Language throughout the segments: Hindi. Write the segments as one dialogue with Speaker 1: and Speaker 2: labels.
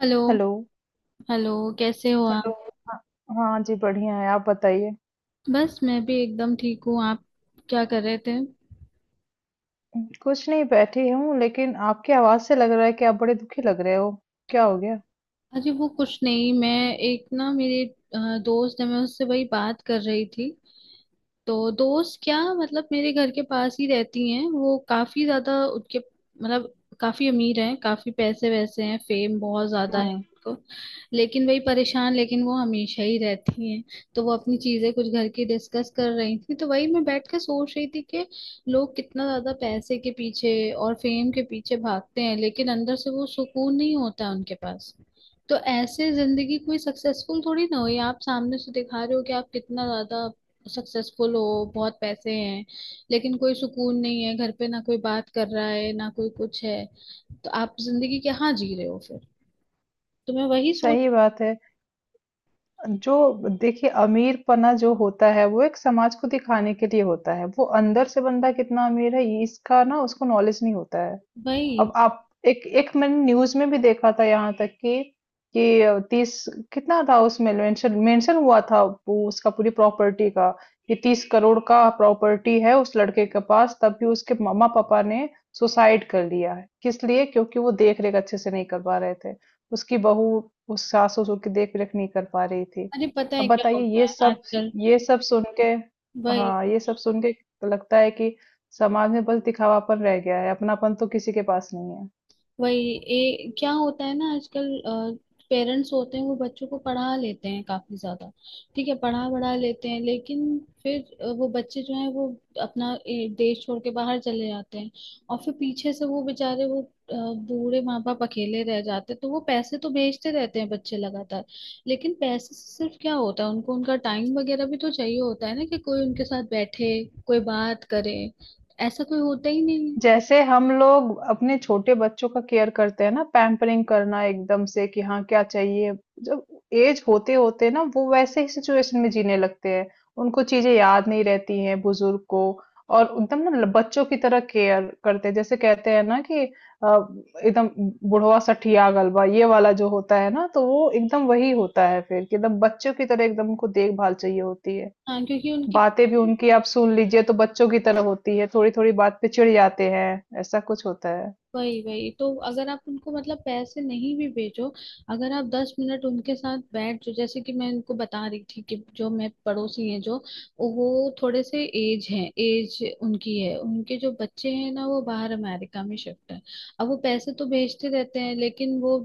Speaker 1: हेलो।
Speaker 2: हेलो।
Speaker 1: हेलो, कैसे हो आप?
Speaker 2: हेलो। हाँ। हाँ जी, बढ़िया है, आप बताइए।
Speaker 1: बस मैं भी एकदम ठीक हूँ। आप क्या कर रहे थे?
Speaker 2: कुछ नहीं, बैठी हूँ, लेकिन आपकी आवाज से लग रहा है कि आप बड़े दुखी लग रहे हो। क्या हो गया?
Speaker 1: अरे वो कुछ नहीं, मैं एक मेरे दोस्त है, मैं उससे वही बात कर रही थी। तो दोस्त, क्या मतलब मेरे घर के पास ही रहती हैं वो, काफी ज्यादा उनके, मतलब काफी अमीर हैं, काफी पैसे वैसे हैं, फेम बहुत ज्यादा है
Speaker 2: हाँ,
Speaker 1: उनको। लेकिन वही परेशान लेकिन वो हमेशा ही रहती हैं। तो वो अपनी चीजें कुछ घर की डिस्कस कर रही थी, तो वही मैं बैठ के सोच रही थी कि लोग कितना ज्यादा पैसे के पीछे और फेम के पीछे भागते हैं, लेकिन अंदर से वो सुकून नहीं होता है उनके पास। तो ऐसे जिंदगी कोई सक्सेसफुल थोड़ी ना हुई। आप सामने से दिखा रहे हो कि आप कितना ज्यादा सक्सेसफुल हो, बहुत पैसे हैं, लेकिन कोई सुकून नहीं है, घर पे ना कोई बात कर रहा है ना कोई कुछ है। तो आप जिंदगी क्या जी रहे हो फिर? तो मैं वही सोच।
Speaker 2: सही बात है। जो, देखिए, अमीरपना जो होता है वो एक समाज को दिखाने के लिए होता है। वो अंदर से बंदा कितना अमीर है ये इसका ना उसको नॉलेज नहीं होता है। अब
Speaker 1: वही,
Speaker 2: आप, एक एक मैंने न्यूज़ में भी देखा था, यहाँ तक कि 30 कितना था उसमें, मेंशन मेंशन हुआ था वो उसका पूरी प्रॉपर्टी का, कि 30 करोड़ का प्रॉपर्टी है उस लड़के के पास। तब भी उसके मम्मा पापा ने सुसाइड कर लिया है। किस लिए? क्योंकि वो देख रेख अच्छे से नहीं कर पा रहे थे। उसकी बहू उस सास ससुर की देख रेख नहीं कर पा रही थी।
Speaker 1: अरे पता
Speaker 2: अब
Speaker 1: है क्या
Speaker 2: बताइए,
Speaker 1: होता
Speaker 2: ये
Speaker 1: है
Speaker 2: सब,
Speaker 1: आजकल।
Speaker 2: ये सब सुन के, हाँ,
Speaker 1: वही।
Speaker 2: ये सब सुन के लगता है कि समाज में बस दिखावापन रह गया है, अपनापन तो किसी के पास नहीं है।
Speaker 1: वही क्या होता है ना आजकल, पेरेंट्स होते हैं, वो बच्चों को पढ़ा लेते हैं काफी ज्यादा। ठीक है, पढ़ा बढ़ा लेते हैं, लेकिन फिर वो बच्चे जो हैं वो अपना देश छोड़ के बाहर चले जाते हैं। और फिर पीछे से वो बेचारे वो बूढ़े माँ बाप अकेले रह जाते हैं, तो वो पैसे तो भेजते रहते हैं बच्चे लगातार, लेकिन पैसे से सिर्फ क्या होता है, उनको उनका टाइम वगैरह भी तो चाहिए होता है ना, कि कोई उनके साथ बैठे, कोई बात करे। ऐसा कोई होता ही नहीं है।
Speaker 2: जैसे हम लोग अपने छोटे बच्चों का केयर करते हैं ना, पैम्परिंग करना एकदम से कि हाँ, क्या चाहिए। जब एज होते-होते ना वो वैसे ही सिचुएशन में जीने लगते हैं। उनको चीज़ें याद नहीं रहती हैं, बुजुर्ग को। और एकदम ना ल बच्चों की तरह केयर करते हैं। जैसे कहते हैं ना कि एकदम बुढ़वा सठिया गलबा ये वाला जो होता है ना, तो वो एकदम वही होता है फिर, कि एकदम बच्चों की तरह एकदम उनको देखभाल चाहिए होती है।
Speaker 1: हाँ क्योंकि उनके,
Speaker 2: बातें भी उनकी आप सुन लीजिए तो बच्चों की तरह होती है, थोड़ी थोड़ी बात पे चिढ़ जाते हैं। ऐसा कुछ होता है।
Speaker 1: वही, वही तो। अगर आप उनको मतलब पैसे नहीं भी भेजो, अगर आप 10 मिनट उनके साथ बैठ जो, जैसे कि मैं उनको बता रही थी कि जो मैं पड़ोसी हैं जो, वो, थोड़े से एज है, एज उनकी है, उनके जो बच्चे हैं ना वो बाहर अमेरिका में शिफ्ट है। अब वो पैसे तो भेजते रहते हैं, लेकिन वो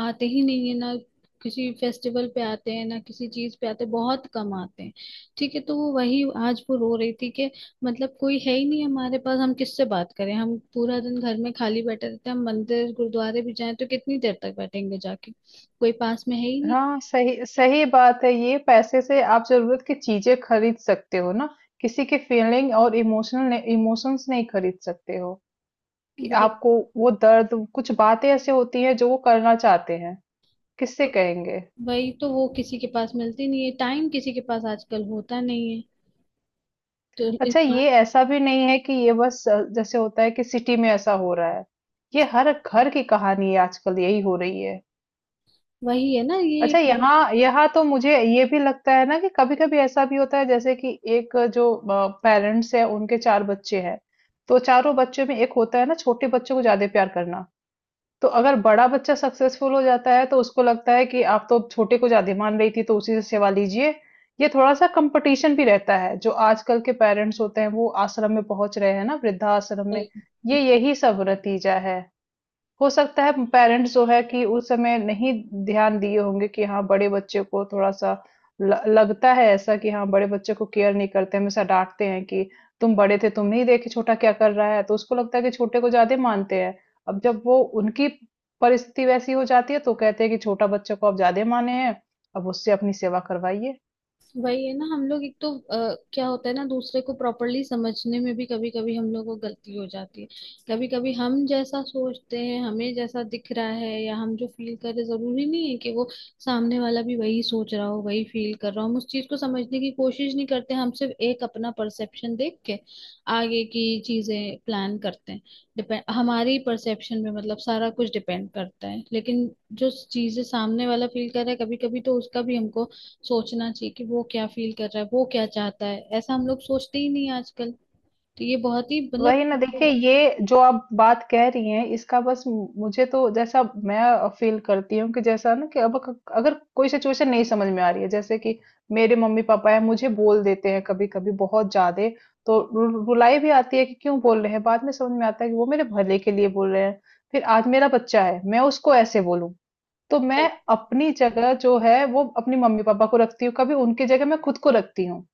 Speaker 1: आते ही नहीं है ना, किसी फेस्टिवल पे आते हैं ना, किसी चीज पे आते हैं, बहुत कम आते हैं। ठीक है, तो वो वही आज वो रो रही थी कि मतलब कोई है ही नहीं हमारे पास, हम किससे बात करें, हम पूरा दिन घर में खाली बैठे रहते हैं, हम मंदिर गुरुद्वारे भी जाएं तो कितनी देर तक बैठेंगे जाके, कोई पास में है ही नहीं।
Speaker 2: हाँ, सही सही बात है। ये पैसे से आप जरूरत की चीजें खरीद सकते हो ना, किसी की फीलिंग और इमोशनल इमोशंस नहीं खरीद सकते हो। कि
Speaker 1: वही,
Speaker 2: आपको वो दर्द, कुछ बातें ऐसे होती हैं जो वो करना चाहते हैं, किससे कहेंगे?
Speaker 1: वही तो। वो किसी के पास मिलती नहीं है टाइम, किसी के पास आजकल होता नहीं है। तो
Speaker 2: अच्छा,
Speaker 1: इंसान,
Speaker 2: ये ऐसा भी नहीं है कि ये बस जैसे होता है कि सिटी में ऐसा हो रहा है। ये हर घर की कहानी है, आजकल यही हो रही है।
Speaker 1: वही है ना, ये
Speaker 2: अच्छा,
Speaker 1: हर-।
Speaker 2: यहाँ यहाँ तो मुझे ये भी लगता है ना कि कभी कभी ऐसा भी होता है, जैसे कि एक जो पेरेंट्स है, उनके चार बच्चे हैं। तो चारों बच्चों में एक होता है ना, छोटे बच्चों को ज्यादा प्यार करना। तो अगर बड़ा बच्चा सक्सेसफुल हो जाता है, तो उसको लगता है कि आप तो छोटे को ज्यादा मान रही थी, तो उसी से सेवा लीजिए। ये थोड़ा सा कंपटीशन भी रहता है। जो आजकल के पेरेंट्स होते हैं, वो आश्रम में पहुंच रहे हैं ना, वृद्धाश्रम में।
Speaker 1: वही।
Speaker 2: ये यही सब नतीजा है। हो सकता है पेरेंट्स जो है कि उस समय नहीं ध्यान दिए होंगे कि हाँ, बड़े बच्चे को थोड़ा-सा ल लगता है ऐसा कि हाँ, बड़े बच्चे को केयर नहीं करते, हमेशा डाँटते हैं कि तुम बड़े थे, तुम नहीं देखे छोटा क्या कर रहा है, तो उसको लगता है कि छोटे को ज़्यादा मानते हैं। अब जब वो उनकी परिस्थिति वैसी हो जाती है, तो कहते हैं कि छोटा बच्चे को आप ज़्यादा माने हैं, अब उससे अपनी सेवा करवाइए।
Speaker 1: वही है ना। हम लोग एक तो क्या होता है ना, दूसरे को प्रॉपरली समझने में भी कभी कभी हम लोग को गलती हो जाती है। कभी कभी हम जैसा सोचते हैं, हमें जैसा दिख रहा है, या हम जो फील कर रहे, जरूरी नहीं है कि वो सामने वाला भी वही सोच रहा हो, वही फील कर रहा हो। हम उस चीज को समझने की कोशिश नहीं करते, हम सिर्फ एक अपना परसेप्शन देख के आगे की चीजें प्लान करते हैं। डिपेंड हमारी परसेप्शन में मतलब सारा कुछ डिपेंड करता है, लेकिन जो चीजें सामने वाला फील कर रहा है, कभी कभी तो उसका भी हमको सोचना चाहिए कि वो क्या फील कर रहा है, वो क्या चाहता है। ऐसा हम लोग सोचते ही नहीं आजकल। तो ये बहुत ही मतलब,
Speaker 2: वही ना, देखिए, ये जो आप बात कह रही हैं, इसका बस मुझे तो जैसा मैं फील करती हूँ, कि जैसा ना कि अब अगर कोई सिचुएशन नहीं समझ में आ रही है, जैसे कि मेरे मम्मी पापा है, मुझे बोल देते हैं कभी कभी बहुत ज्यादा, तो रुलाई भी आती है कि क्यों बोल रहे हैं, बाद में समझ में आता है कि वो मेरे भले के लिए बोल रहे हैं। फिर आज मेरा बच्चा है, मैं उसको ऐसे बोलूं, तो मैं अपनी जगह जो है वो अपनी मम्मी पापा को रखती हूँ, कभी उनकी जगह मैं खुद को रखती हूँ।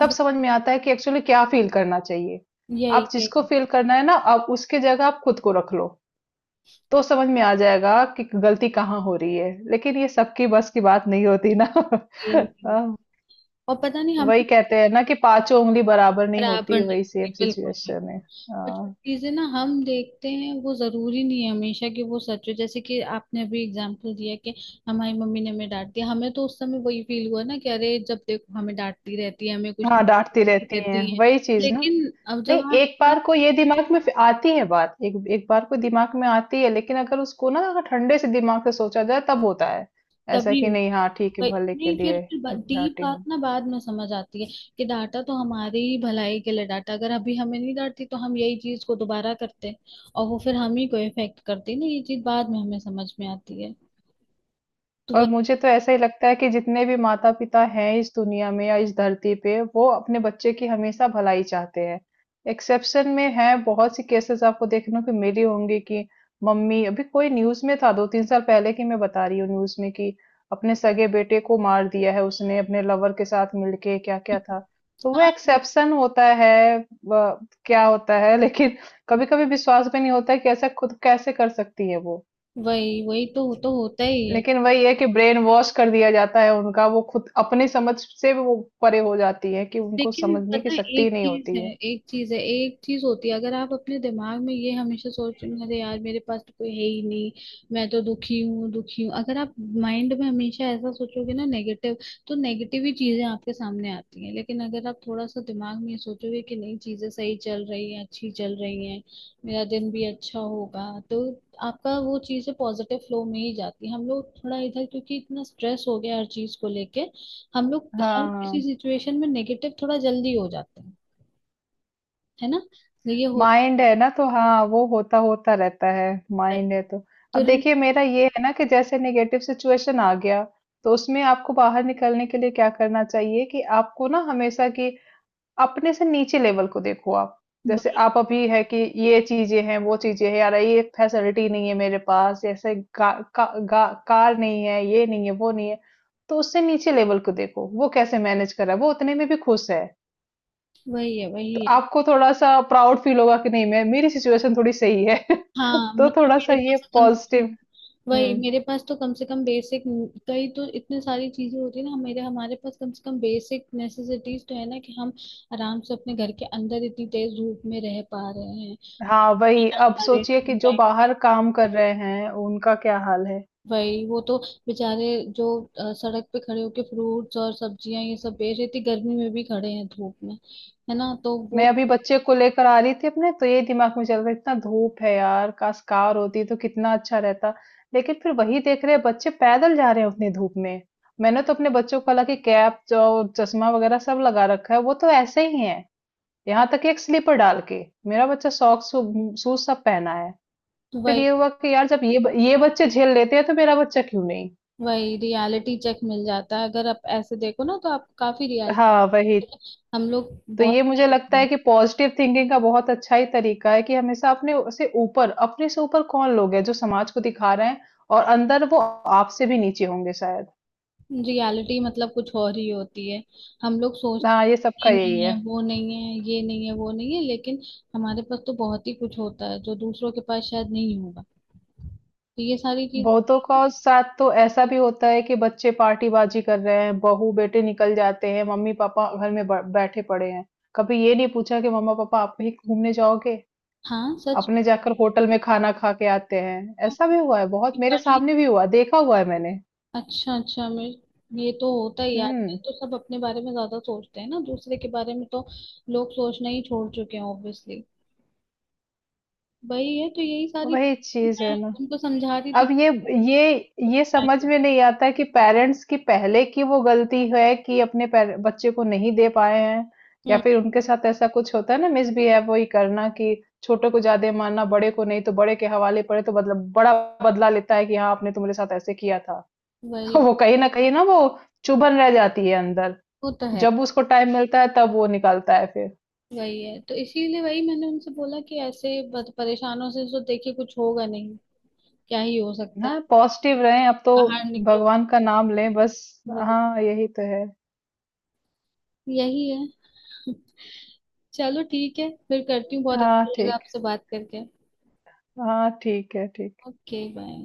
Speaker 2: तब समझ में आता है कि एक्चुअली क्या फील करना चाहिए।
Speaker 1: यही
Speaker 2: आप
Speaker 1: यही
Speaker 2: जिसको
Speaker 1: होता
Speaker 2: फील
Speaker 1: है।
Speaker 2: करना है ना, आप उसके जगह आप खुद को रख लो, तो समझ में आ जाएगा कि गलती कहाँ हो रही है। लेकिन ये सबकी बस की बात नहीं होती ना।
Speaker 1: ये नहीं।
Speaker 2: अ,
Speaker 1: और पता नहीं हमें,
Speaker 2: वही कहते हैं ना कि पाँचों उँगली बराबर नहीं
Speaker 1: बराबर
Speaker 2: होती,
Speaker 1: नहीं
Speaker 2: वही
Speaker 1: होते
Speaker 2: सेम
Speaker 1: बिल्कुल भी।
Speaker 2: सिचुएशन है।
Speaker 1: और जो चीजें ना हम देखते हैं, वो जरूरी नहीं है हमेशा कि वो सच हो। जैसे कि आपने अभी एग्जांपल दिया कि हमारी मम्मी ने हमें डांट दिया, हमें तो उस समय वही फील हुआ ना कि अरे जब देखो हमें डांटती रहती है, हमें कुछ
Speaker 2: हाँ, डाँटती
Speaker 1: नहीं
Speaker 2: रहती
Speaker 1: देती
Speaker 2: हैं,
Speaker 1: है।
Speaker 2: वही चीज़ ना।
Speaker 1: लेकिन अब जब
Speaker 2: नहीं,
Speaker 1: आप
Speaker 2: एक
Speaker 1: आप
Speaker 2: बार को ये दिमाग में फिर आती है बात, एक एक बार को दिमाग में आती है, लेकिन अगर उसको ना, अगर ठंडे से दिमाग से सोचा जाए, तब होता है ऐसा
Speaker 1: तभी,
Speaker 2: कि नहीं, हाँ, ठीक है,
Speaker 1: वही,
Speaker 2: भले के
Speaker 1: नहीं, फिर
Speaker 2: लिए
Speaker 1: फिर डीप
Speaker 2: डांटी
Speaker 1: बात
Speaker 2: हूँ।
Speaker 1: ना बाद में समझ आती है कि डांटा तो हमारी ही भलाई के लिए डांटा। अगर अभी हमें नहीं डांटती तो हम यही चीज को दोबारा करते और वो फिर हम ही को इफेक्ट करती ना, ये चीज बाद में हमें समझ में आती है। तो
Speaker 2: और
Speaker 1: वही।
Speaker 2: मुझे तो ऐसा ही लगता है कि जितने भी माता पिता हैं इस दुनिया में या इस धरती पे, वो अपने बच्चे की हमेशा भलाई चाहते हैं। एक्सेप्शन में है, बहुत सी केसेस आपको देखने को मिली होंगी कि मम्मी, अभी कोई न्यूज में था दो तीन साल पहले की मैं बता रही हूँ, न्यूज में कि अपने सगे बेटे को मार दिया है उसने अपने लवर के साथ मिलके, क्या क्या था। तो वो
Speaker 1: हाँ,
Speaker 2: एक्सेप्शन होता है। वह क्या होता है, लेकिन कभी कभी विश्वास भी नहीं होता है कि ऐसा खुद कैसे कर सकती है वो।
Speaker 1: वही, वही तो होता ही है।
Speaker 2: लेकिन वही है कि ब्रेन वॉश कर दिया जाता है उनका, वो खुद अपनी समझ से भी वो परे हो जाती है कि उनको
Speaker 1: लेकिन
Speaker 2: समझने की
Speaker 1: पता है
Speaker 2: शक्ति
Speaker 1: एक
Speaker 2: ही नहीं
Speaker 1: चीज
Speaker 2: होती है।
Speaker 1: है, एक चीज है, एक चीज होती है, अगर आप अपने दिमाग में ये हमेशा सोच रहे हैं अरे यार मेरे पास तो कोई है ही नहीं, मैं तो दुखी हूँ दुखी हूँ, अगर आप माइंड में हमेशा ऐसा सोचोगे ना नेगेटिव, तो नेगेटिव ही चीजें आपके सामने आती हैं। लेकिन अगर आप थोड़ा सा दिमाग में ये सोचोगे कि नहीं, चीजें सही चल रही हैं, अच्छी चल रही हैं, मेरा दिन भी अच्छा होगा, तो आपका वो चीजें पॉजिटिव फ्लो में ही जाती है। हम लोग थोड़ा इधर, क्योंकि इतना स्ट्रेस हो गया हर चीज को लेके, हम लोग हर किसी
Speaker 2: हाँ,
Speaker 1: सिचुएशन में नेगेटिव थोड़ा जल्दी हो जाते हैं, है ना, तो ये होता
Speaker 2: माइंड है ना तो, हाँ, वो होता होता रहता है।
Speaker 1: है
Speaker 2: माइंड है तो। अब
Speaker 1: तुरंत।
Speaker 2: देखिए मेरा ये है ना, कि जैसे नेगेटिव सिचुएशन आ गया, तो उसमें आपको बाहर निकलने के लिए क्या करना चाहिए, कि आपको ना हमेशा की अपने से नीचे लेवल को देखो आप। जैसे
Speaker 1: वही,
Speaker 2: आप अभी है कि ये चीजें हैं, वो चीजें हैं, यार ये फैसिलिटी नहीं है मेरे पास, ऐसे कार नहीं है, ये नहीं है, वो नहीं है। तो उससे नीचे लेवल को देखो, वो कैसे मैनेज कर रहा है, वो उतने में भी खुश है।
Speaker 1: वही है,
Speaker 2: तो
Speaker 1: वही है।
Speaker 2: आपको थोड़ा सा प्राउड फील होगा कि नहीं, मैं, मेरी सिचुएशन थोड़ी सही है।
Speaker 1: हाँ
Speaker 2: तो
Speaker 1: मतलब
Speaker 2: थोड़ा सा
Speaker 1: मेरे
Speaker 2: ये
Speaker 1: पास तो चीज,
Speaker 2: पॉजिटिव।
Speaker 1: वही
Speaker 2: हम्म।
Speaker 1: मेरे पास तो कम से कम बेसिक, कई तो इतने सारी चीजें होती है ना मेरे, हमारे पास कम से कम बेसिक नेसेसिटीज तो है ना, कि हम आराम से अपने घर के अंदर इतनी तेज धूप में रह पा रहे हैं,
Speaker 2: हाँ वही,
Speaker 1: खाना
Speaker 2: अब
Speaker 1: खा रहे
Speaker 2: सोचिए कि जो
Speaker 1: हैं।
Speaker 2: बाहर काम कर रहे हैं, उनका क्या हाल है।
Speaker 1: वही, वो तो बेचारे, जो सड़क पे खड़े होके फ्रूट्स और सब्जियां ये सब बेच रहे थे, गर्मी में भी खड़े हैं धूप में, है ना, तो वो।
Speaker 2: मैं अभी बच्चे को लेकर आ रही थी अपने, तो ये दिमाग में चल रहा, इतना धूप है यार, काश कार होती तो कितना अच्छा रहता। लेकिन फिर वही देख रहे हैं, बच्चे पैदल जा रहे हैं उतनी धूप में। मैंने तो अपने बच्चों को हालांकि कैप जो, चश्मा वगैरह सब लगा रखा है, वो तो ऐसे ही है। यहाँ तक कि एक स्लीपर डाल के मेरा बच्चा सॉक्स, शूज सब पहना है। फिर ये
Speaker 1: वही,
Speaker 2: हुआ कि यार, जब ये ये बच्चे झेल लेते हैं, तो मेरा बच्चा क्यों नहीं।
Speaker 1: वही, रियलिटी चेक मिल जाता है अगर आप ऐसे देखो ना, तो आप काफी रियल।
Speaker 2: हाँ वही।
Speaker 1: हम लोग
Speaker 2: तो ये
Speaker 1: बहुत,
Speaker 2: मुझे लगता है कि पॉजिटिव थिंकिंग का बहुत अच्छा ही तरीका है कि हमेशा अपने से ऊपर, अपने से ऊपर कौन लोग हैं जो समाज को दिखा रहे हैं, और अंदर वो आपसे भी नीचे होंगे शायद।
Speaker 1: रियलिटी मतलब कुछ और ही होती है। हम लोग सोचते
Speaker 2: हाँ, ये
Speaker 1: हैं, ये
Speaker 2: सबका यही
Speaker 1: नहीं
Speaker 2: है।
Speaker 1: है वो नहीं है, ये नहीं है वो नहीं है, लेकिन हमारे पास तो बहुत ही कुछ होता है जो दूसरों के पास शायद नहीं होगा। तो ये सारी चीजें।
Speaker 2: बहुतों का साथ तो ऐसा भी होता है कि बच्चे पार्टीबाजी कर रहे हैं, बहू-बेटे निकल जाते हैं, मम्मी-पापा घर में ब बैठे पड़े हैं। कभी ये नहीं पूछा कि मम्मा-पापा आप कहीं घूमने जाओगे?
Speaker 1: हाँ सच
Speaker 2: अपने
Speaker 1: में।
Speaker 2: जाकर होटल में खाना खा के आते हैं।
Speaker 1: हाँ,
Speaker 2: ऐसा भी हुआ है बहुत,
Speaker 1: पढ़
Speaker 2: मेरे
Speaker 1: ली,
Speaker 2: सामने भी हुआ, देखा हुआ है मैंने।
Speaker 1: अच्छा अच्छा मेरे, ये तो होता ही है आजकल,
Speaker 2: हुँ,
Speaker 1: तो सब अपने बारे में ज्यादा सोचते हैं ना, दूसरे के बारे में तो लोग सोचना ही छोड़ चुके हैं ऑब्वियसली। वही है, तो यही सारी,
Speaker 2: वही चीज़
Speaker 1: मैं
Speaker 2: है ना।
Speaker 1: उनको समझा रही थी
Speaker 2: अब ये
Speaker 1: कि-।
Speaker 2: ये ये समझ में नहीं आता कि पेरेंट्स की पहले की वो गलती है कि अपने बच्चे को नहीं दे पाए हैं, या
Speaker 1: हम्म,
Speaker 2: फिर उनके साथ ऐसा कुछ होता है ना, मिसबिहेव वही करना कि छोटे को ज्यादा मानना, बड़े को नहीं, तो बड़े के हवाले पड़े तो बदला, बड़ा बदला लेता है कि हाँ, आपने तो मेरे साथ ऐसे किया था।
Speaker 1: वही,
Speaker 2: वो कहीं ना वो चुभन रह जाती है अंदर।
Speaker 1: वो तो है,
Speaker 2: जब उसको टाइम मिलता है तब वो निकालता है फिर।
Speaker 1: वही है, तो इसीलिए वही मैंने उनसे बोला कि ऐसे बद-, परेशानों से तो देखिए कुछ होगा नहीं, क्या ही हो सकता है।
Speaker 2: हाँ, पॉजिटिव रहें अब तो,
Speaker 1: बाहर निकलो, बाहर
Speaker 2: भगवान का
Speaker 1: निकलो।
Speaker 2: नाम लें बस।
Speaker 1: वही,
Speaker 2: हाँ, यही तो है।
Speaker 1: यही है। चलो ठीक है, फिर करती हूँ, बहुत
Speaker 2: हाँ,
Speaker 1: अच्छा लगा
Speaker 2: ठीक।
Speaker 1: आपसे बात करके।
Speaker 2: हाँ, ठीक है, ठीक।
Speaker 1: Okay, bye.